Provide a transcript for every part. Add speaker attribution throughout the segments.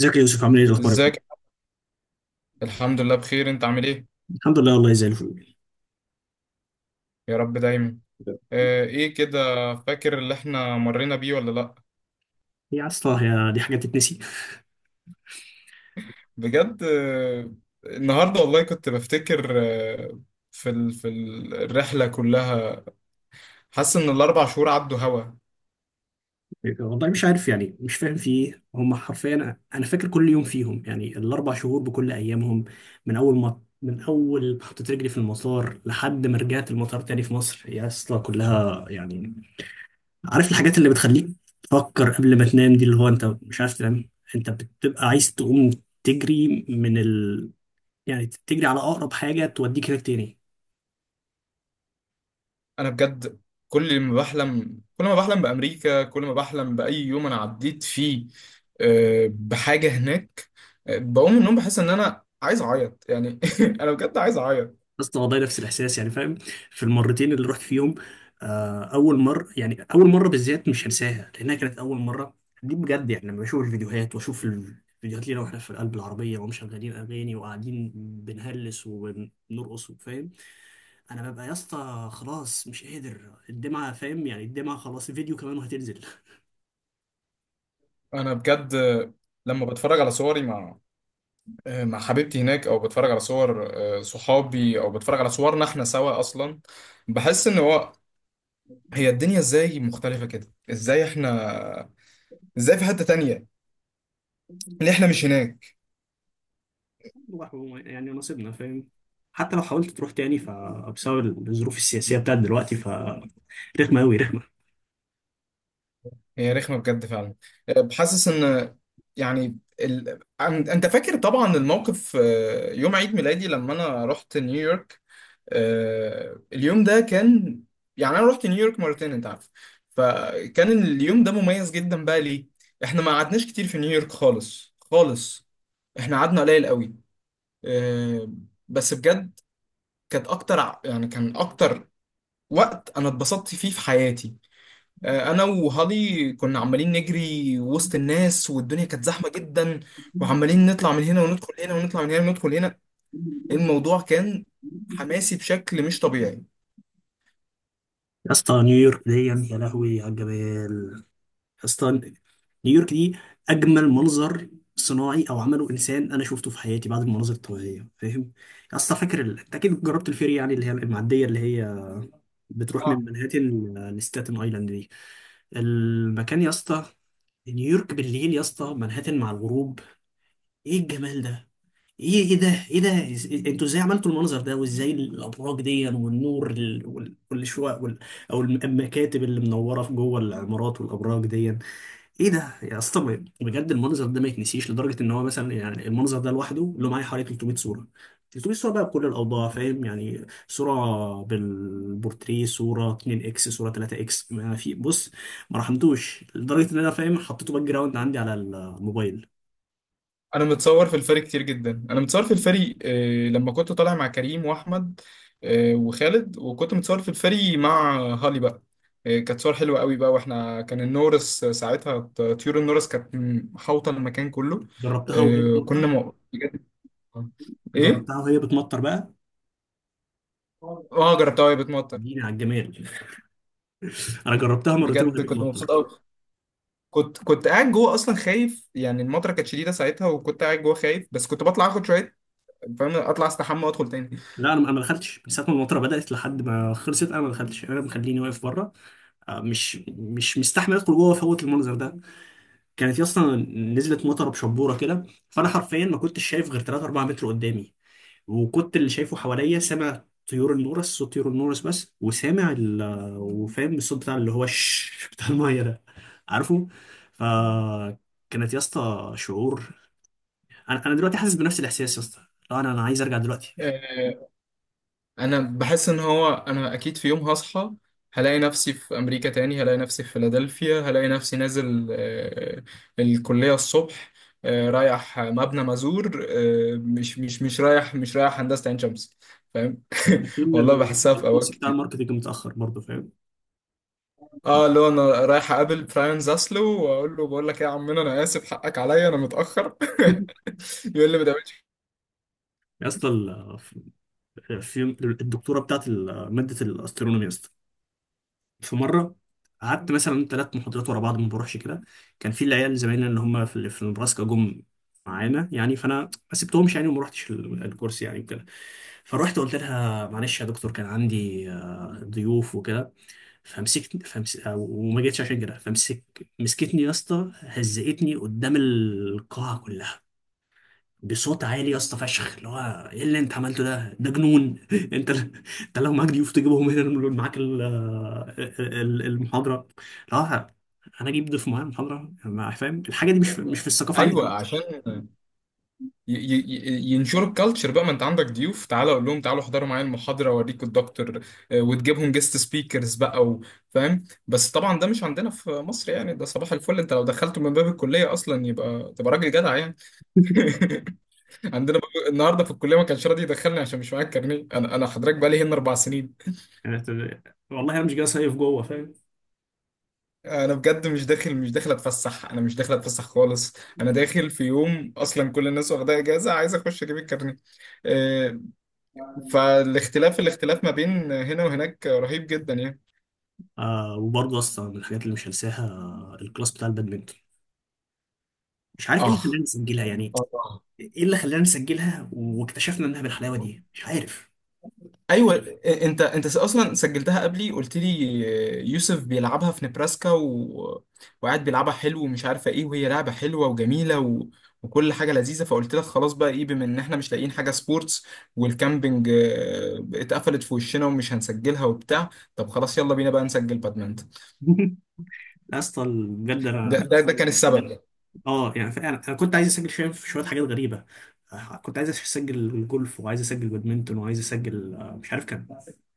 Speaker 1: ازيك يا يوسف؟ عامل ايه الاخبار يا ابني؟
Speaker 2: ازيك. الحمد لله بخير. انت عامل ايه؟
Speaker 1: الحمد لله والله زي الفل.
Speaker 2: يا رب دايما. اه، ايه كده. فاكر اللي احنا مرينا بيه ولا لا؟
Speaker 1: يا اسطى هي دي حاجه تتنسي؟
Speaker 2: بجد اه. النهارده والله كنت بفتكر. اه، الرحله كلها. حاسس ان الـ4 شهور عدوا هوا.
Speaker 1: والله مش عارف، يعني مش فاهم في ايه هم حرفيا. انا فاكر كل يوم فيهم، يعني الاربع شهور بكل ايامهم. من اول ما حطيت رجلي في المطار لحد ما رجعت المطار تاني في مصر يا اسطى، كلها يعني. عارف الحاجات اللي بتخليك تفكر قبل ما تنام، دي اللي هو انت مش عارف تنام، انت بتبقى عايز تقوم تجري من ال يعني تجري على اقرب حاجه توديك هناك تاني.
Speaker 2: انا بجد. كل ما بحلم، كل ما بحلم بامريكا، كل ما بحلم باي يوم انا عديت فيه، اه، بحاجه هناك. اه، بقوم من النوم بحس ان انا عايز اعيط، يعني انا بجد عايز اعيط.
Speaker 1: بس والله نفس الاحساس، يعني فاهم، في المرتين اللي رحت فيهم. اول مره يعني اول مره بالذات مش هنساها لانها كانت اول مره. دي بجد، يعني لما بشوف الفيديوهات، واشوف الفيديوهات لينا واحنا في قلب العربيه ومشغلين اغاني وقاعدين بنهلس وبنرقص وفاهم، انا ببقى يا اسطى خلاص مش قادر، الدمعه فاهم يعني الدمعه خلاص الفيديو كمان وهتنزل.
Speaker 2: انا بجد لما بتفرج على صوري مع حبيبتي هناك، او بتفرج على صور صحابي، او بتفرج على صورنا احنا سوا اصلا، بحس ان هو، هي الدنيا ازاي مختلفة كده؟ ازاي احنا، ازاي في حتة تانية، ليه احنا مش هناك؟
Speaker 1: يعني نصيبنا فاهم. حتى لو حاولت تروح تاني، فبسبب الظروف السياسيه بتاعت دلوقتي فرخمه قوي.
Speaker 2: هي رخمة بجد فعلا. بحسس ان، يعني انت فاكر طبعا الموقف، يوم عيد ميلادي لما انا رحت نيويورك. اليوم ده كان، يعني، انا رحت نيويورك مرتين، انت عارف. فكان اليوم ده مميز جدا بقى. ليه؟ احنا ما قعدناش كتير في نيويورك خالص خالص. احنا قعدنا قليل قوي. آه، بس بجد، يعني كان اكتر وقت انا اتبسطت فيه في حياتي. انا وهالي كنا عمالين نجري وسط الناس، والدنيا كانت زحمة جدا، وعمالين نطلع من هنا وندخل هنا، ونطلع من هنا وندخل هنا.
Speaker 1: رخمه.
Speaker 2: الموضوع كان حماسي بشكل مش طبيعي.
Speaker 1: يا اسطى نيويورك دي، يا لهوي على الجمال. يا اسطى نيويورك دي اجمل منظر صناعي او عمله انسان انا شفته في حياتي بعد المناظر الطبيعيه، فاهم. يا اسطى فاكر انت اكيد جربت الفيري، يعني اللي هي المعديه اللي هي بتروح من منهاتن لستاتن ايلاند دي؟ المكان يا اسطى، نيويورك بالليل يا اسطى، منهاتن مع الغروب، ايه الجمال ده؟ ايه ايه ده؟ ايه ده؟ انتوا ازاي عملتوا المنظر ده؟ وازاي الابراج دي والنور والشقق او المكاتب اللي منوره في جوه العمارات والابراج دي؟ ايه ده يا اسطى؟ بجد المنظر ده ما يتنسيش، لدرجه ان هو مثلا يعني المنظر ده لوحده له معايا حوالي 300 صوره. 300 صوره بقى بكل الاوضاع، فاهم يعني، صوره بالبورتريه، صوره 2 اكس، صوره 3 اكس. ما في بص، ما رحمتوش، لدرجه ان انا فاهم حطيته باك جراوند عندي على الموبايل.
Speaker 2: انا متصور في الفريق كتير جدا، انا متصور في الفريق لما كنت طالع مع كريم واحمد وخالد، وكنت متصور في الفريق مع هالي بقى. كانت صور حلوه قوي بقى، واحنا كان النورس ساعتها، طيور النورس كانت محاوطه المكان كله.
Speaker 1: جربتها وهي
Speaker 2: كنا
Speaker 1: بتمطر؟
Speaker 2: بجد. ايه؟
Speaker 1: جربتها وهي بتمطر بقى؟
Speaker 2: اه، جربتها وهي بتمطر.
Speaker 1: اديني على الجمال. انا جربتها مرتين وهي
Speaker 2: بجد كنت
Speaker 1: بتمطر.
Speaker 2: مبسوط قوي. كنت قاعد جوه اصلا خايف، يعني المطره كانت شديده ساعتها، وكنت قاعد جوه خايف، بس كنت بطلع اخد شويه، فاهم، اطلع استحمى وادخل تاني.
Speaker 1: لا، انا ما دخلتش من ساعه ما المطره بدات لحد ما خلصت، انا ما دخلتش، انا مخليني واقف بره. مش مستحمل ادخل جوه فوت المنظر ده. كانت يا اسطى، نزلت مطره بشبوره كده، فانا حرفيا ما كنتش شايف غير 3 4 متر قدامي، وكنت اللي شايفه حواليا سامع طيور النورس، صوت طيور النورس بس، وسامع وفاهم الصوت بتاع اللي هو الش بتاع الميه ده، عارفه؟ فكانت يا اسطى شعور، انا انا دلوقتي حاسس بنفس الاحساس يا اسطى. لا انا انا عايز ارجع دلوقتي.
Speaker 2: آه، انا بحس ان هو، انا اكيد في يوم هصحى، هلاقي نفسي في امريكا تاني، هلاقي نفسي في فيلادلفيا، هلاقي نفسي نازل الكلية الصبح، رايح مبنى مازور، مش رايح هندسة عين شمس. فاهم
Speaker 1: وبعدين
Speaker 2: والله بحسها في
Speaker 1: الكورس
Speaker 2: اوقات
Speaker 1: بتاع
Speaker 2: كتير.
Speaker 1: الماركتنج متاخر برضه، فاهم.
Speaker 2: اه، اللي هو انا رايح اقابل براين زاسلو، واقول له: بقول لك ايه يا عمنا، انا اسف، حقك عليا، انا متاخر. يقول لي ما تعملش.
Speaker 1: يا اسطى في الدكتوره بتاعت ماده الاسترونومي يا اسطى، في مره قعدت مثلا ثلاث محاضرات ورا بعض ما بروحش كده. كان في العيال زمايلنا اللي هم في نبراسكا جم معانا يعني، فانا ما سبتهمش يعني وما رحتش الكورس يعني وكده. فروحت قلت لها معلش يا دكتور، كان عندي ضيوف وكده، وما جيتش عشان كده. مسكتني يا اسطى، هزقتني قدام القاعه كلها بصوت عالي يا اسطى، فشخ اللي هو، ايه اللي انت عملته ده؟ ده جنون. انت، انت لو معاك ضيوف تجيبهم هنا نقول معاك ال... آه، آه، ال- المحاضره؟ لا، انا اجيب ضيف معايا المحاضره فاهم الحاجه دي مش في الثقافه عندي
Speaker 2: ايوه،
Speaker 1: خالص.
Speaker 2: عشان ينشروا الكالتشر بقى. ما انت عندك ضيوف، تعالى اقول لهم تعالوا احضروا معايا المحاضره، اوريكم الدكتور، وتجيبهم جيست سبيكرز بقى فاهم. بس طبعا ده مش عندنا في مصر، يعني ده صباح الفل، انت لو دخلته من باب الكليه اصلا يبقى، تبقى راجل جدع يعني. عندنا النهارده في الكليه ما كانش راضي يدخلني عشان مش معايا الكارنيه. انا حضرتك بقى لي هنا 4 سنين.
Speaker 1: يعني والله انا مش جاي صيف جوه فاهم.
Speaker 2: انا بجد مش داخل اتفسح، انا مش داخل اتفسح خالص. انا داخل في يوم اصلا كل الناس واخدها اجازه، عايز اخش اجيب الكارنيه. آه، فالاختلاف ما بين هنا وهناك رهيب جدا يعني.
Speaker 1: آه، وبرضه اصلا من الحاجات اللي مش هنساها، الكلاس بتاع البادمنتون. مش عارف ايه
Speaker 2: اه،
Speaker 1: اللي خلاني اسجلها يعني،
Speaker 2: اه،
Speaker 1: ايه اللي خلانا نسجلها واكتشفنا انها بالحلاوه
Speaker 2: آه.
Speaker 1: دي، مش عارف.
Speaker 2: ايوه. انت اصلا سجلتها قبلي، قلت لي يوسف بيلعبها في نبراسكا و... وقاعد بيلعبها حلو ومش عارفه ايه، وهي لعبه حلوه وجميله و... وكل حاجه لذيذه، فقلت لك خلاص بقى ايه بما ان احنا مش لاقيين حاجه سبورتس، والكامبينج اتقفلت في وشنا، ومش هنسجلها وبتاع، طب خلاص يلا بينا بقى نسجل بادمنت.
Speaker 1: يا اسطى بجد
Speaker 2: ده
Speaker 1: انا،
Speaker 2: ده, ده كان السبب.
Speaker 1: اه يعني فعلا انا كنت عايز اسجل شويه حاجات غريبه. كنت عايز اسجل جولف، وعايز اسجل بادمنتون، وعايز اسجل مش عارف كان.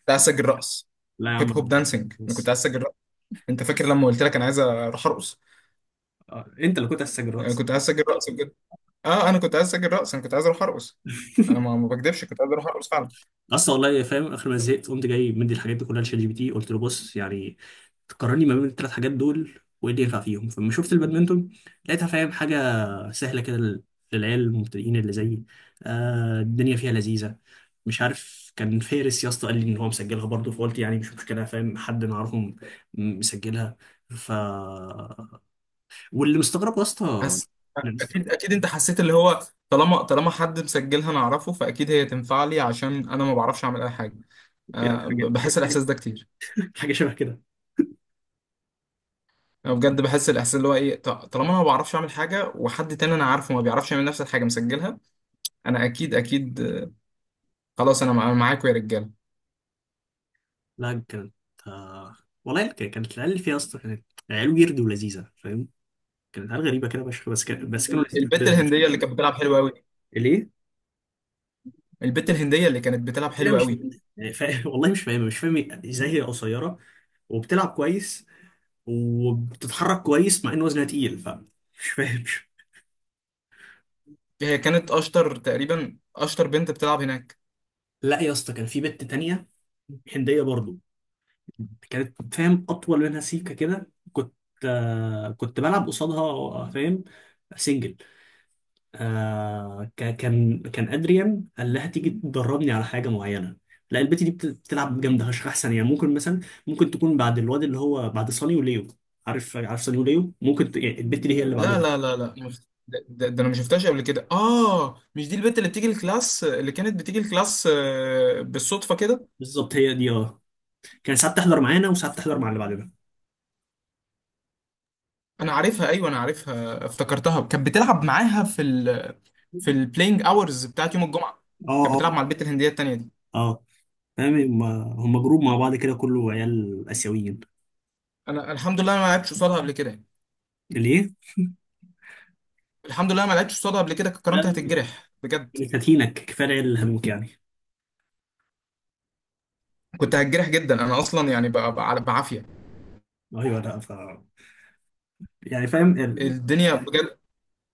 Speaker 2: كنت عايز اسجل رقص،
Speaker 1: لا يا
Speaker 2: هيب هوب
Speaker 1: عم،
Speaker 2: دانسينج، انا كنت
Speaker 1: بس.
Speaker 2: عايز اسجل. انت فاكر لما قلت لك انا عايز اروح ارقص؟
Speaker 1: انت اللي كنت عايز تسجل.
Speaker 2: انا كنت عايز اسجل رقص بجد. اه، انا كنت عايز اسجل رقص، انا كنت عايز اروح ارقص. انا ما بكدبش، كنت عايز اروح ارقص فعلا.
Speaker 1: اصلا والله فاهم اخر ما زهقت قمت جاي مدي الحاجات دي كلها لشات جي بي تي، قلت له بص يعني، تقارني ما بين الثلاث حاجات دول وايه اللي ينفع فيهم. فلما شفت البادمنتون لقيتها فاهم حاجه سهله كده للعيال المبتدئين اللي زيي، آه الدنيا فيها لذيذه. مش عارف كان فارس يا اسطى قال لي ان هو مسجلها برضه، فقلت يعني مش مشكله فاهم، حد نعرفهم مسجلها. ف واللي مستغرب يا اسطى،
Speaker 2: حس
Speaker 1: اللي
Speaker 2: اكيد
Speaker 1: مستغرب،
Speaker 2: اكيد انت حسيت اللي هو، طالما حد مسجلها انا اعرفه، فاكيد هي تنفع لي عشان انا ما بعرفش اعمل اي حاجه.
Speaker 1: يعني حاجة حاجة
Speaker 2: بحس
Speaker 1: حاجة
Speaker 2: الاحساس ده كتير.
Speaker 1: حاجه شبه كده.
Speaker 2: انا بجد بحس الاحساس اللي هو ايه، طالما انا ما بعرفش اعمل حاجه وحد تاني انا عارفه ما بيعرفش يعمل نفس الحاجه مسجلها، انا اكيد اكيد. خلاص انا معاكم يا رجاله.
Speaker 1: لا كانت، آه، والله كانت العيال اللي فيها اصلا كانت عيال ويرد ولذيذه، فاهم، كانت عيال غريبه كده فشخ، بس كانوا لذيذ
Speaker 2: البت
Speaker 1: برضه.
Speaker 2: الهنديه اللي كانت بتلعب حلوه قوي.
Speaker 1: ليه؟
Speaker 2: البت الهنديه اللي كانت بتلعب
Speaker 1: لا
Speaker 2: حلوه
Speaker 1: مش
Speaker 2: قوي.
Speaker 1: فاهم. يعني والله مش فاهم، مش فاهم ازاي هي قصيره وبتلعب كويس وبتتحرك كويس مع ان وزنها تقيل، فمش فاهم.
Speaker 2: هي كانت اشطر تقريبا، اشطر بنت بتلعب هناك.
Speaker 1: لا يا اسطى، كان في بنت تانية هنديه برضه، كانت فاهم اطول منها، سيكه كده، كنت كنت بلعب قصادها، فاهم، سنجل. كان ادريان قال لها تيجي تدربني على حاجه معينه، لا البت دي بتلعب جامده فشخ، احسن يعني ممكن مثلا، ممكن تكون بعد الواد اللي هو بعد صاني وليو. عارف صاني وليو، ممكن يعني البت دي هي اللي بالظبط
Speaker 2: لا،
Speaker 1: بعدهم.
Speaker 2: لا، لا، لا. مم. ده انا ما شفتهاش قبل كده. اه، مش دي البنت اللي بتيجي الكلاس، اللي كانت بتيجي الكلاس بالصدفه كده.
Speaker 1: بالظبط هي دي، اه كانت ساعات تحضر معانا وساعات تحضر مع اللي بعدنا.
Speaker 2: انا عارفها. ايوه، انا عارفها، افتكرتها. كانت بتلعب معاها في البلاينج اورز بتاعت يوم الجمعه.
Speaker 1: اه،
Speaker 2: كانت بتلعب مع
Speaker 1: اه،
Speaker 2: البنت الهنديه التانيه دي.
Speaker 1: اه، فاهم. هم هم جروب مع بعض كده، كله عيال اسيويين.
Speaker 2: انا الحمد لله، أنا ما لعبتش قصادها قبل كده.
Speaker 1: ليه؟
Speaker 2: الحمد لله ما لعبتش قصادها قبل كده. كنت
Speaker 1: لا،
Speaker 2: كرمت،
Speaker 1: لا، لا.
Speaker 2: هتتجرح بجد.
Speaker 1: كانت هتينك كفايه العيال اللي هموت يعني.
Speaker 2: كنت هتجرح جدا انا اصلا، يعني بعافيه.
Speaker 1: ايوه لا يعني فاهم.
Speaker 2: الدنيا بجد.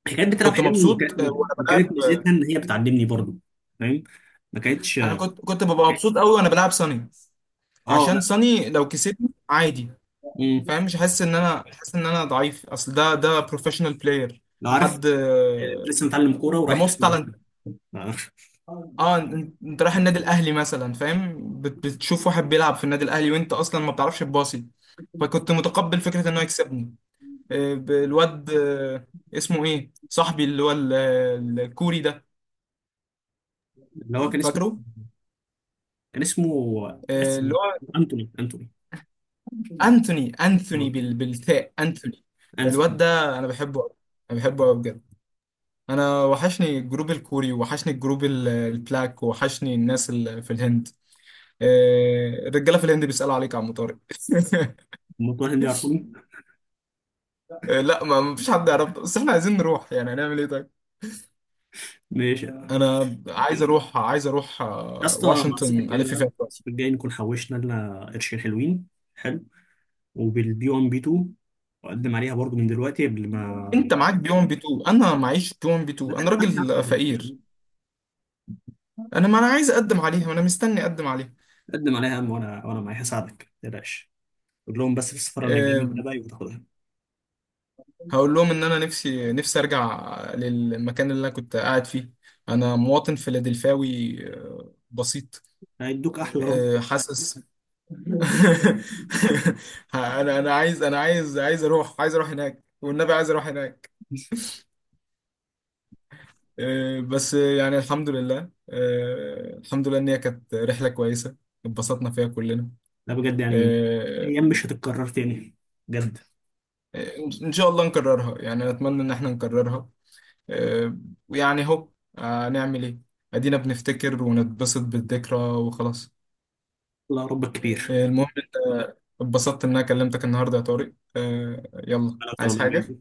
Speaker 1: هي كانت بتلعب
Speaker 2: كنت
Speaker 1: حلو
Speaker 2: مبسوط وانا
Speaker 1: وكانت
Speaker 2: بلعب.
Speaker 1: ميزتها ان هي بتعلمني برضو، فاهم، ما كانتش.
Speaker 2: انا كنت ببقى مبسوط قوي وانا بلعب صني.
Speaker 1: اه
Speaker 2: عشان
Speaker 1: لا.
Speaker 2: صني لو كسبني عادي،
Speaker 1: مم.
Speaker 2: فاهم، مش حاسس ان انا، حاسس ان انا ضعيف، اصل ده بروفيشنال بلاير.
Speaker 1: لو عارف،
Speaker 2: حد.
Speaker 1: لسه متعلم كوره
Speaker 2: ده
Speaker 1: ورايح
Speaker 2: موست
Speaker 1: تقابل ميسي.
Speaker 2: تالنت.
Speaker 1: لا، لا.
Speaker 2: اه، انت رايح النادي الاهلي مثلا، فاهم، بتشوف واحد بيلعب في النادي الاهلي، وانت اصلا ما بتعرفش تباصي. فكنت متقبل فكره انه يكسبني. الواد اسمه ايه، صاحبي اللي هو الكوري ده.
Speaker 1: اللي هو كان اسمه،
Speaker 2: فاكره؟
Speaker 1: كان اسمه،
Speaker 2: اللي
Speaker 1: أسم-
Speaker 2: هو
Speaker 1: انتوني.
Speaker 2: انثوني. انثوني
Speaker 1: اه،
Speaker 2: بالتاء، انثوني. الواد
Speaker 1: انتوني.
Speaker 2: ده انا بحبه أوي. انا بحبه قوي بجد. انا وحشني الجروب الكوري، وحشني الجروب البلاك، وحشني الناس اللي في الهند. الرجاله في الهند بيسالوا عليك يا عم طارق.
Speaker 1: هم بتوع الهند يعرفوني.
Speaker 2: لا، ما فيش حد يعرف، بس احنا عايزين نروح، يعني هنعمل ايه طيب؟
Speaker 1: ماشي يا
Speaker 2: انا عايز اروح، عايز اروح
Speaker 1: اسطى، مع الصيف
Speaker 2: واشنطن
Speaker 1: الجاي
Speaker 2: الف
Speaker 1: بقى،
Speaker 2: فيها شوية.
Speaker 1: الصيف الجاي نكون حوشنا لنا قرشين حلوين حلو، وبالبي 1 بي 2 اقدم عليها برضو من دلوقتي قبل ما.
Speaker 2: انت معاك بي 1 بي 2، انا معيش بي 1 بي
Speaker 1: ما
Speaker 2: 2، انا
Speaker 1: تقدم عليها يا عم
Speaker 2: راجل
Speaker 1: من دلوقتي يا
Speaker 2: فقير.
Speaker 1: عم،
Speaker 2: انا ما انا عايز اقدم عليها، وانا مستني اقدم عليها.
Speaker 1: قدم عليها يا عم، وانا معاك، هساعدك ما تقلقش. قول لهم بس في السفاره انك جاي من
Speaker 2: آه،
Speaker 1: تبعي وتاخدها.
Speaker 2: هقول لهم ان انا نفسي نفسي ارجع للمكان اللي انا كنت قاعد فيه. انا مواطن فيلادلفاوي بسيط.
Speaker 1: هيدوك احلى رفض.
Speaker 2: حاسس. انا عايز اروح، عايز اروح هناك والنبي، عايز اروح هناك. بس يعني الحمد لله. الحمد لله ان هي كانت رحلة كويسة، اتبسطنا فيها كلنا.
Speaker 1: لا بجد يعني،
Speaker 2: آه،
Speaker 1: ايام مش هتتكرر تاني، بجد.
Speaker 2: آه، ان شاء الله نكررها، يعني اتمنى ان احنا نكررها. آه، ويعني هو نعمل ايه، ادينا بنفتكر ونتبسط بالذكرى وخلاص.
Speaker 1: الله ربك كبير.
Speaker 2: المهم انت، اتبسطت ان انا كلمتك النهارده يا طارق. يلا،
Speaker 1: انا اكتر يا
Speaker 2: عايز
Speaker 1: أبو
Speaker 2: حاجه؟
Speaker 1: يوسف.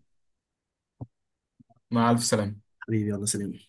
Speaker 2: مع الف سلامه.
Speaker 1: حبيبي يلا سلام.